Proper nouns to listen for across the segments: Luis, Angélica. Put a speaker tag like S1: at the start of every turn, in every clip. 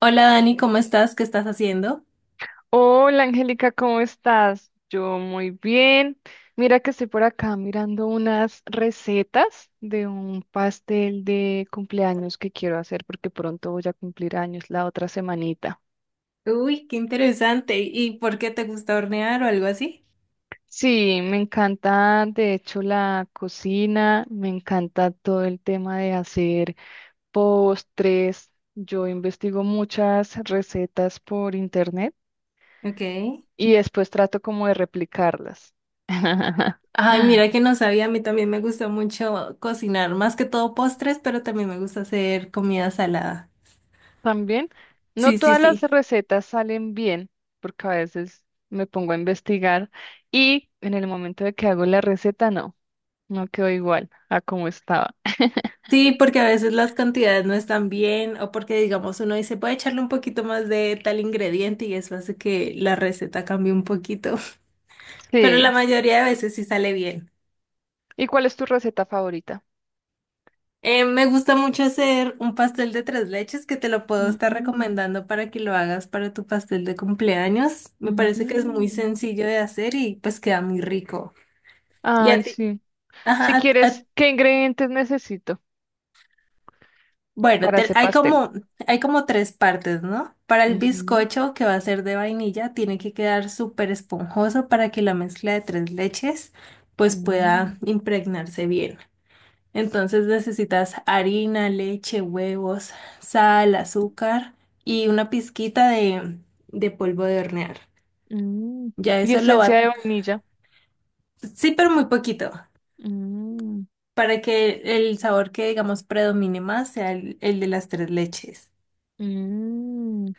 S1: Hola Dani, ¿cómo estás? ¿Qué estás haciendo?
S2: Hola Angélica, ¿cómo estás? Yo muy bien. Mira que estoy por acá mirando unas recetas de un pastel de cumpleaños que quiero hacer porque pronto voy a cumplir años la otra semanita.
S1: Uy, qué interesante. ¿Y por qué te gusta hornear o algo así?
S2: Sí, me encanta de hecho la cocina, me encanta todo el tema de hacer postres. Yo investigo muchas recetas por internet
S1: Ok.
S2: y después trato como de replicarlas.
S1: Ay, mira que no sabía, a mí también me gusta mucho cocinar, más que todo postres, pero también me gusta hacer comida salada.
S2: También, no
S1: Sí, sí,
S2: todas las
S1: sí.
S2: recetas salen bien, porque a veces me pongo a investigar y en el momento de que hago la receta, no, no quedó igual a como estaba.
S1: Sí, porque a veces las cantidades no están bien o porque digamos uno dice, puede echarle un poquito más de tal ingrediente y eso hace que la receta cambie un poquito, pero la
S2: Sí.
S1: mayoría de veces sí sale bien.
S2: ¿Y cuál es tu receta favorita?
S1: Me gusta mucho hacer un pastel de tres leches que te lo puedo estar
S2: Mm,
S1: recomendando para que lo hagas para tu pastel de cumpleaños. Me parece que es muy
S2: mm.
S1: sencillo de hacer y pues queda muy rico. Y
S2: Ay,
S1: a ti,
S2: sí. Si
S1: ajá,
S2: quieres, ¿qué ingredientes necesito
S1: bueno,
S2: para hacer pastel?
S1: hay como tres partes, ¿no? Para el
S2: Ujú,
S1: bizcocho que va a ser de vainilla, tiene que quedar súper esponjoso para que la mezcla de tres leches pues pueda
S2: mm,
S1: impregnarse bien. Entonces necesitas harina, leche, huevos, sal, azúcar y una pizquita de polvo de hornear.
S2: mm.
S1: Ya
S2: Y
S1: eso lo
S2: esencia
S1: va,
S2: de vainilla.
S1: sí, pero muy poquito,
S2: Mm,
S1: para que el sabor que digamos predomine más sea el de las tres leches.
S2: mm,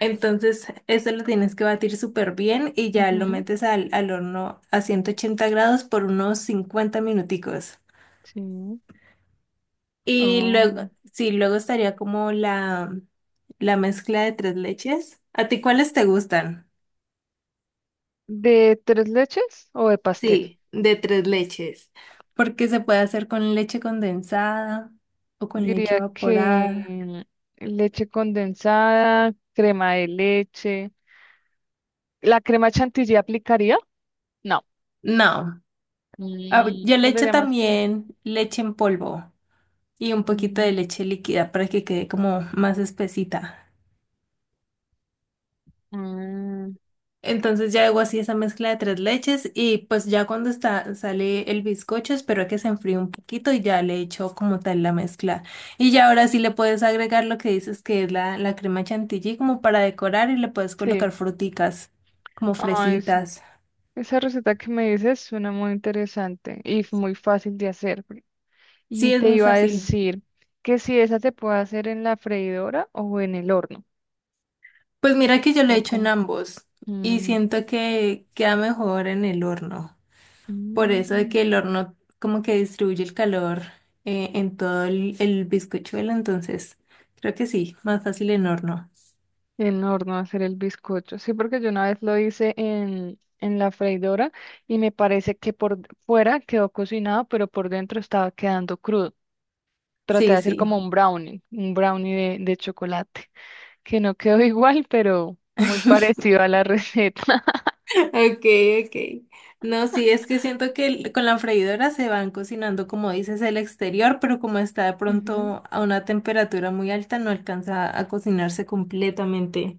S1: Entonces eso lo tienes que batir súper bien y ya lo
S2: ujú,
S1: metes al horno a 180 grados por unos 50 minuticos.
S2: Sí.
S1: Y
S2: Oh,
S1: luego, sí, luego estaría como la mezcla de tres leches. ¿A ti cuáles te gustan?
S2: ¿De tres leches o de pastel?
S1: Sí, de tres leches. Porque se puede hacer con leche condensada o con leche
S2: Diría
S1: evaporada.
S2: que leche condensada, crema de leche. ¿La crema chantilly aplicaría? No,
S1: No, ah,
S2: mm,
S1: yo le
S2: no
S1: echo
S2: sería más como...
S1: también leche en polvo y un poquito de
S2: mm,
S1: leche líquida para que quede como más espesita.
S2: ah,
S1: Entonces ya hago así esa mezcla de tres leches y pues ya cuando está, sale el bizcocho espero a que se enfríe un poquito y ya le echo como tal la mezcla. Y ya ahora sí le puedes agregar lo que dices que es la crema chantilly como para decorar y le puedes colocar
S2: Sí,
S1: fruticas como
S2: Ay, sí.
S1: fresitas.
S2: Esa receta que me dices suena muy interesante y muy fácil de hacer, porque… Y
S1: Sí, es
S2: te
S1: muy
S2: iba a
S1: fácil.
S2: decir que si esa se puede hacer en la freidora o en el horno.
S1: Pues mira que yo lo
S2: ¿O
S1: he hecho en
S2: cómo?
S1: ambos y
S2: mm,
S1: siento que queda mejor en el horno. Por eso de
S2: mm.
S1: que el horno como que distribuye el calor en todo el bizcochuelo, entonces creo que sí, más fácil en horno.
S2: En horno hacer el bizcocho. Sí, porque yo una vez lo hice en la freidora y me parece que por fuera quedó cocinado, pero por dentro estaba quedando crudo. Traté
S1: Sí,
S2: de hacer
S1: sí.
S2: como un brownie de chocolate, que no quedó igual, pero muy parecido a la receta.
S1: Ok, ok. No, sí, es que siento que el- con la freidora se van cocinando, como dices, el exterior, pero como está de
S2: Ujú.
S1: pronto a una temperatura muy alta, no alcanza a cocinarse completamente.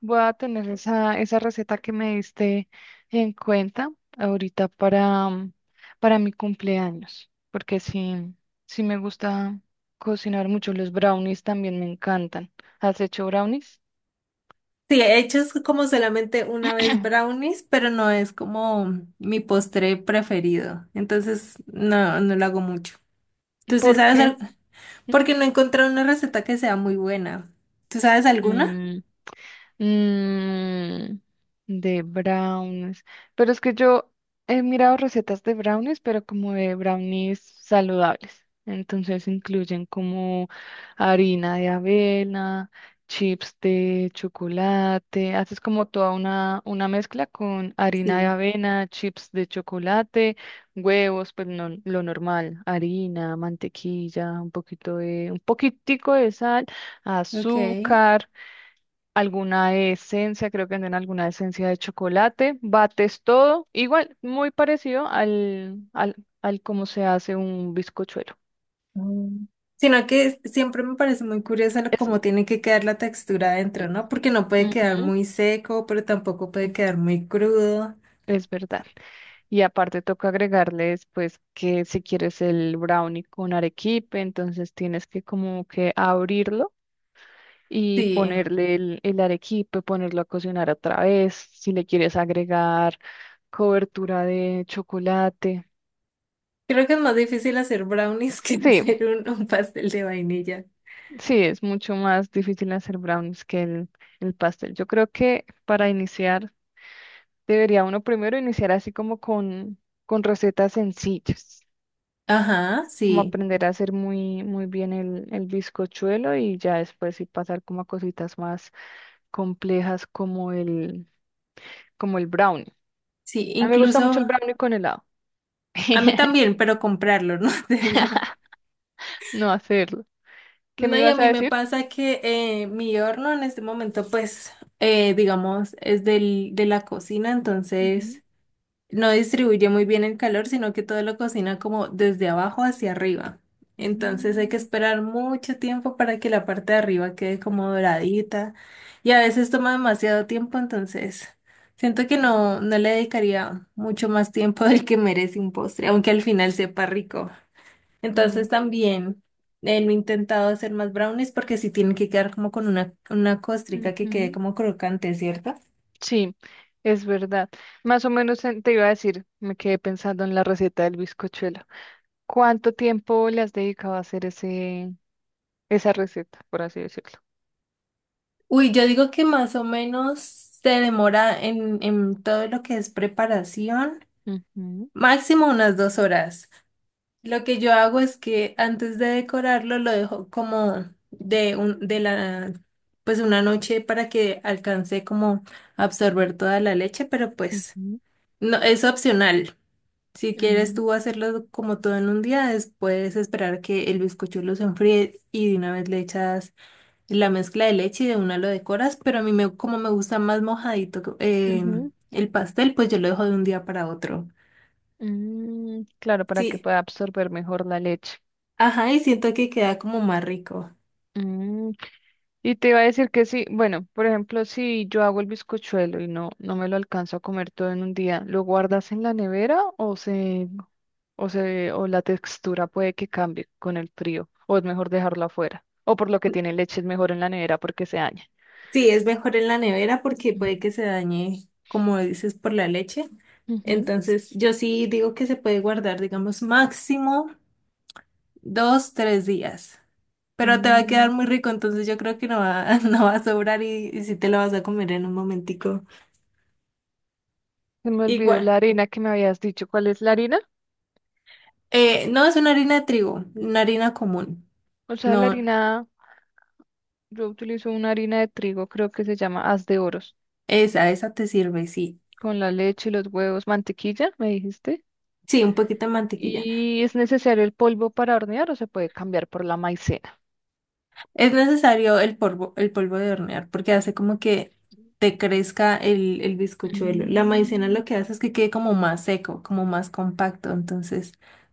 S2: Voy a tener esa receta que me diste en cuenta ahorita para, mm, para mi cumpleaños, porque sí, sí me gusta cocinar mucho. Los brownies también me encantan. ¿Has hecho brownies?
S1: Sí, he hecho es como solamente una vez brownies, pero no es como mi postre preferido. Entonces, no, no lo hago mucho. ¿Tú sí
S2: ¿Por
S1: sabes
S2: qué?
S1: algo? Porque no he encontrado una receta que sea muy buena. ¿Tú sabes alguna?
S2: Mm, de brownies. Pero es que yo he mirado recetas de brownies, pero como de brownies saludables. Entonces incluyen como harina de avena, chips de chocolate. Haces como toda una mezcla con harina de
S1: Sí.
S2: avena, chips de chocolate, huevos, pues no, lo normal, harina, mantequilla, un poquito de, un poquitico de sal,
S1: Ok.
S2: azúcar, alguna esencia, creo que venden alguna esencia de chocolate, bates todo, igual, muy parecido al cómo se hace un bizcochuelo.
S1: Mm. Sino que siempre me parece muy curioso lo-
S2: Es…
S1: cómo tiene que quedar la textura adentro, ¿no? Porque no puede quedar
S2: Ujú.
S1: muy seco, pero tampoco puede
S2: Ujú,
S1: quedar muy crudo.
S2: es verdad. Y aparte toca agregarles, pues, que si quieres el brownie con arequipe, entonces tienes que como que abrirlo. Y
S1: Sí.
S2: ponerle el arequipe, ponerlo a cocinar otra vez, si le quieres agregar cobertura de chocolate.
S1: Creo que es más difícil hacer brownies que
S2: Sí.
S1: hacer un pastel de vainilla.
S2: Sí, es mucho más difícil hacer brownies que el pastel. Yo creo que para iniciar, debería uno primero iniciar así como con recetas sencillas,
S1: Ajá,
S2: como
S1: sí,
S2: aprender a hacer muy, muy bien el bizcochuelo y ya después sí pasar como a cositas más complejas como el brownie.
S1: sí,
S2: A mí me gusta mucho el
S1: incluso
S2: brownie con helado.
S1: a mí también, pero comprarlo, no hacerlo.
S2: No hacerlo. ¿Qué me
S1: No, y a
S2: ibas a
S1: mí me
S2: decir?
S1: pasa que mi horno en este momento, pues, digamos, es de la cocina,
S2: Ujú,
S1: entonces no distribuye muy bien el calor, sino que todo lo cocina como desde abajo hacia arriba. Entonces hay que
S2: ujú,
S1: esperar mucho tiempo para que la parte de arriba quede como doradita y a veces toma demasiado tiempo, entonces siento que no, no le dedicaría mucho más tiempo del que merece un postre, aunque al final sepa rico.
S2: mm,
S1: Entonces también no he intentado hacer más brownies porque sí tienen que quedar como con una costrica que quede
S2: ujú.
S1: como crocante, ¿cierto?
S2: Sí, es verdad. Más o menos te iba a decir, me quedé pensando en la receta del bizcochuelo. ¿Cuánto tiempo le has dedicado a hacer esa receta, por así decirlo?
S1: Uy, yo digo que más o menos se demora en todo lo que es preparación,
S2: Ujú,
S1: máximo unas 2 horas. Lo que yo hago es que antes de decorarlo lo dejo como de de la, pues una noche para que alcance como a absorber toda la leche, pero pues
S2: ujú,
S1: no, es opcional. Si quieres tú
S2: mm,
S1: hacerlo como todo en un día, después esperar que el bizcochuelo se enfríe y de una vez le echas la mezcla de leche y de una lo decoras, pero a mí me, como me gusta más mojadito
S2: ujú,
S1: el pastel, pues yo lo dejo de un día para otro.
S2: mm, claro, para que
S1: Sí,
S2: pueda absorber mejor la leche.
S1: ajá, y siento que queda como más rico.
S2: Mm, y te iba a decir que sí, bueno, por ejemplo, si yo hago el bizcochuelo y no, no me lo alcanzo a comer todo en un día, ¿lo guardas en la nevera o se o la textura puede que cambie con el frío, o es mejor dejarlo afuera, o por lo que tiene leche es mejor en la nevera porque se daña?
S1: Sí, es mejor en la nevera porque
S2: Mm.
S1: puede que se dañe, como dices, por la leche.
S2: Ujú.
S1: Entonces, yo sí digo que se puede guardar, digamos, máximo 2, 3 días. Pero te va a
S2: Mm.
S1: quedar muy rico, entonces yo creo que no va, no va a sobrar y sí te lo vas a comer en un momentico.
S2: Se me olvidó
S1: Igual.
S2: la harina que me habías dicho. ¿Cuál es la harina?
S1: No, es una harina de trigo, una harina común.
S2: O sea, la
S1: No,
S2: harina, yo utilizo una harina de trigo, creo que se llama Haz de Oros,
S1: esa te sirve, sí.
S2: con la leche, los huevos, mantequilla, me dijiste.
S1: Sí, un poquito de mantequilla.
S2: ¿Y es necesario el polvo para hornear o se puede cambiar por la maicena?
S1: Es necesario el polvo de hornear, porque hace como que te crezca el bizcochuelo. La maicena
S2: Mm.
S1: lo que hace es que quede como más seco, como más compacto, entonces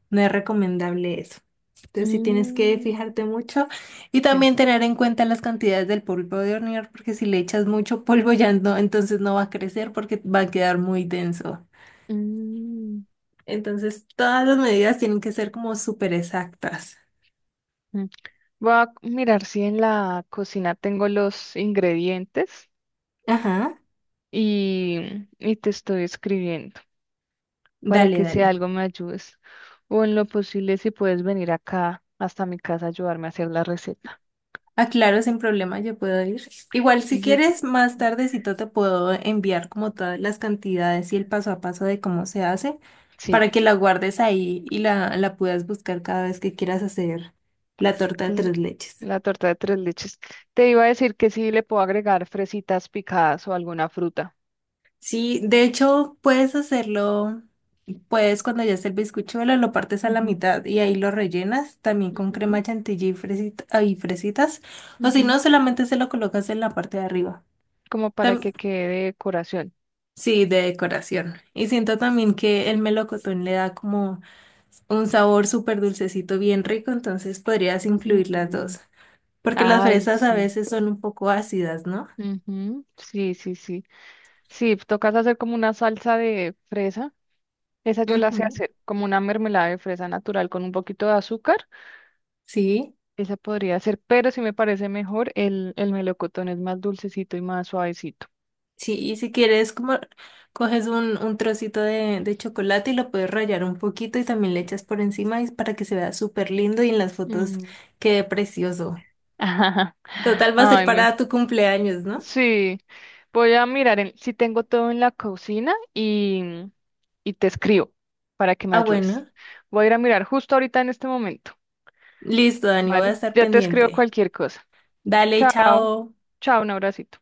S1: no es recomendable eso. Entonces sí tienes que
S2: Mm.
S1: fijarte mucho y
S2: Sí.
S1: también tener en cuenta las cantidades del polvo de hornear, porque si le echas mucho polvo ya no, entonces no va a crecer porque va a quedar muy denso.
S2: Mm.
S1: Entonces, todas las medidas tienen que ser como súper exactas.
S2: Mm. Voy a mirar si en la cocina tengo los ingredientes
S1: Ajá.
S2: y, y te estoy escribiendo para
S1: Dale,
S2: que si
S1: dale.
S2: algo me ayudes o en lo posible si puedes venir acá hasta mi casa a ayudarme a hacer la receta.
S1: Aclaro sin problema, yo puedo ir. Igual, si
S2: Yo-
S1: quieres, más tardecito te puedo enviar como todas las cantidades y el paso a paso de cómo se hace
S2: sí,
S1: para que la guardes ahí y la puedas buscar cada vez que quieras hacer la torta de
S2: mm,
S1: tres leches.
S2: la torta de tres leches. Te iba a decir que sí le puedo agregar fresitas picadas o alguna fruta.
S1: Sí, de hecho, puedes hacerlo, puedes cuando ya esté el bizcochuelo, lo partes a la
S2: Ujú,
S1: mitad y ahí lo rellenas también con
S2: ujú,
S1: crema chantilly y, ay, fresitas. O si no,
S2: ujú,
S1: solamente se lo colocas en la parte de arriba.
S2: como para
S1: Tam-
S2: que quede decoración.
S1: sí, de decoración. Y siento también que el melocotón le da como un sabor súper dulcecito, bien rico, entonces podrías incluir las
S2: Mm,
S1: dos. Porque las
S2: ay,
S1: fresas a
S2: sí.
S1: veces son un poco ácidas, ¿no?
S2: Ujú, sí, sí, sí. Sí, tocas hacer como una salsa de fresa. Esa yo la sé
S1: Ujú.
S2: hacer, como una mermelada de fresa natural con un poquito de azúcar.
S1: Sí.
S2: Esa podría ser, pero sí me parece mejor el melocotón, es más dulcecito y más suavecito.
S1: Sí, y si quieres, como coges un trocito de chocolate y lo puedes rallar un poquito y también le echas por encima y para que se vea súper lindo y en las fotos
S2: Mm.
S1: quede precioso.
S2: Ajá.
S1: Total, va a ser
S2: Ay, me-
S1: para tu cumpleaños, ¿no?
S2: sí. Voy a mirar si tengo todo en la cocina y te escribo para que me
S1: Ah,
S2: ayudes.
S1: bueno.
S2: Voy a ir a mirar justo ahorita en este momento,
S1: Listo, Dani, voy a
S2: ¿vale?
S1: estar
S2: Ya te escribo
S1: pendiente.
S2: cualquier cosa.
S1: Dale,
S2: Chao,
S1: chao.
S2: chao, un abracito.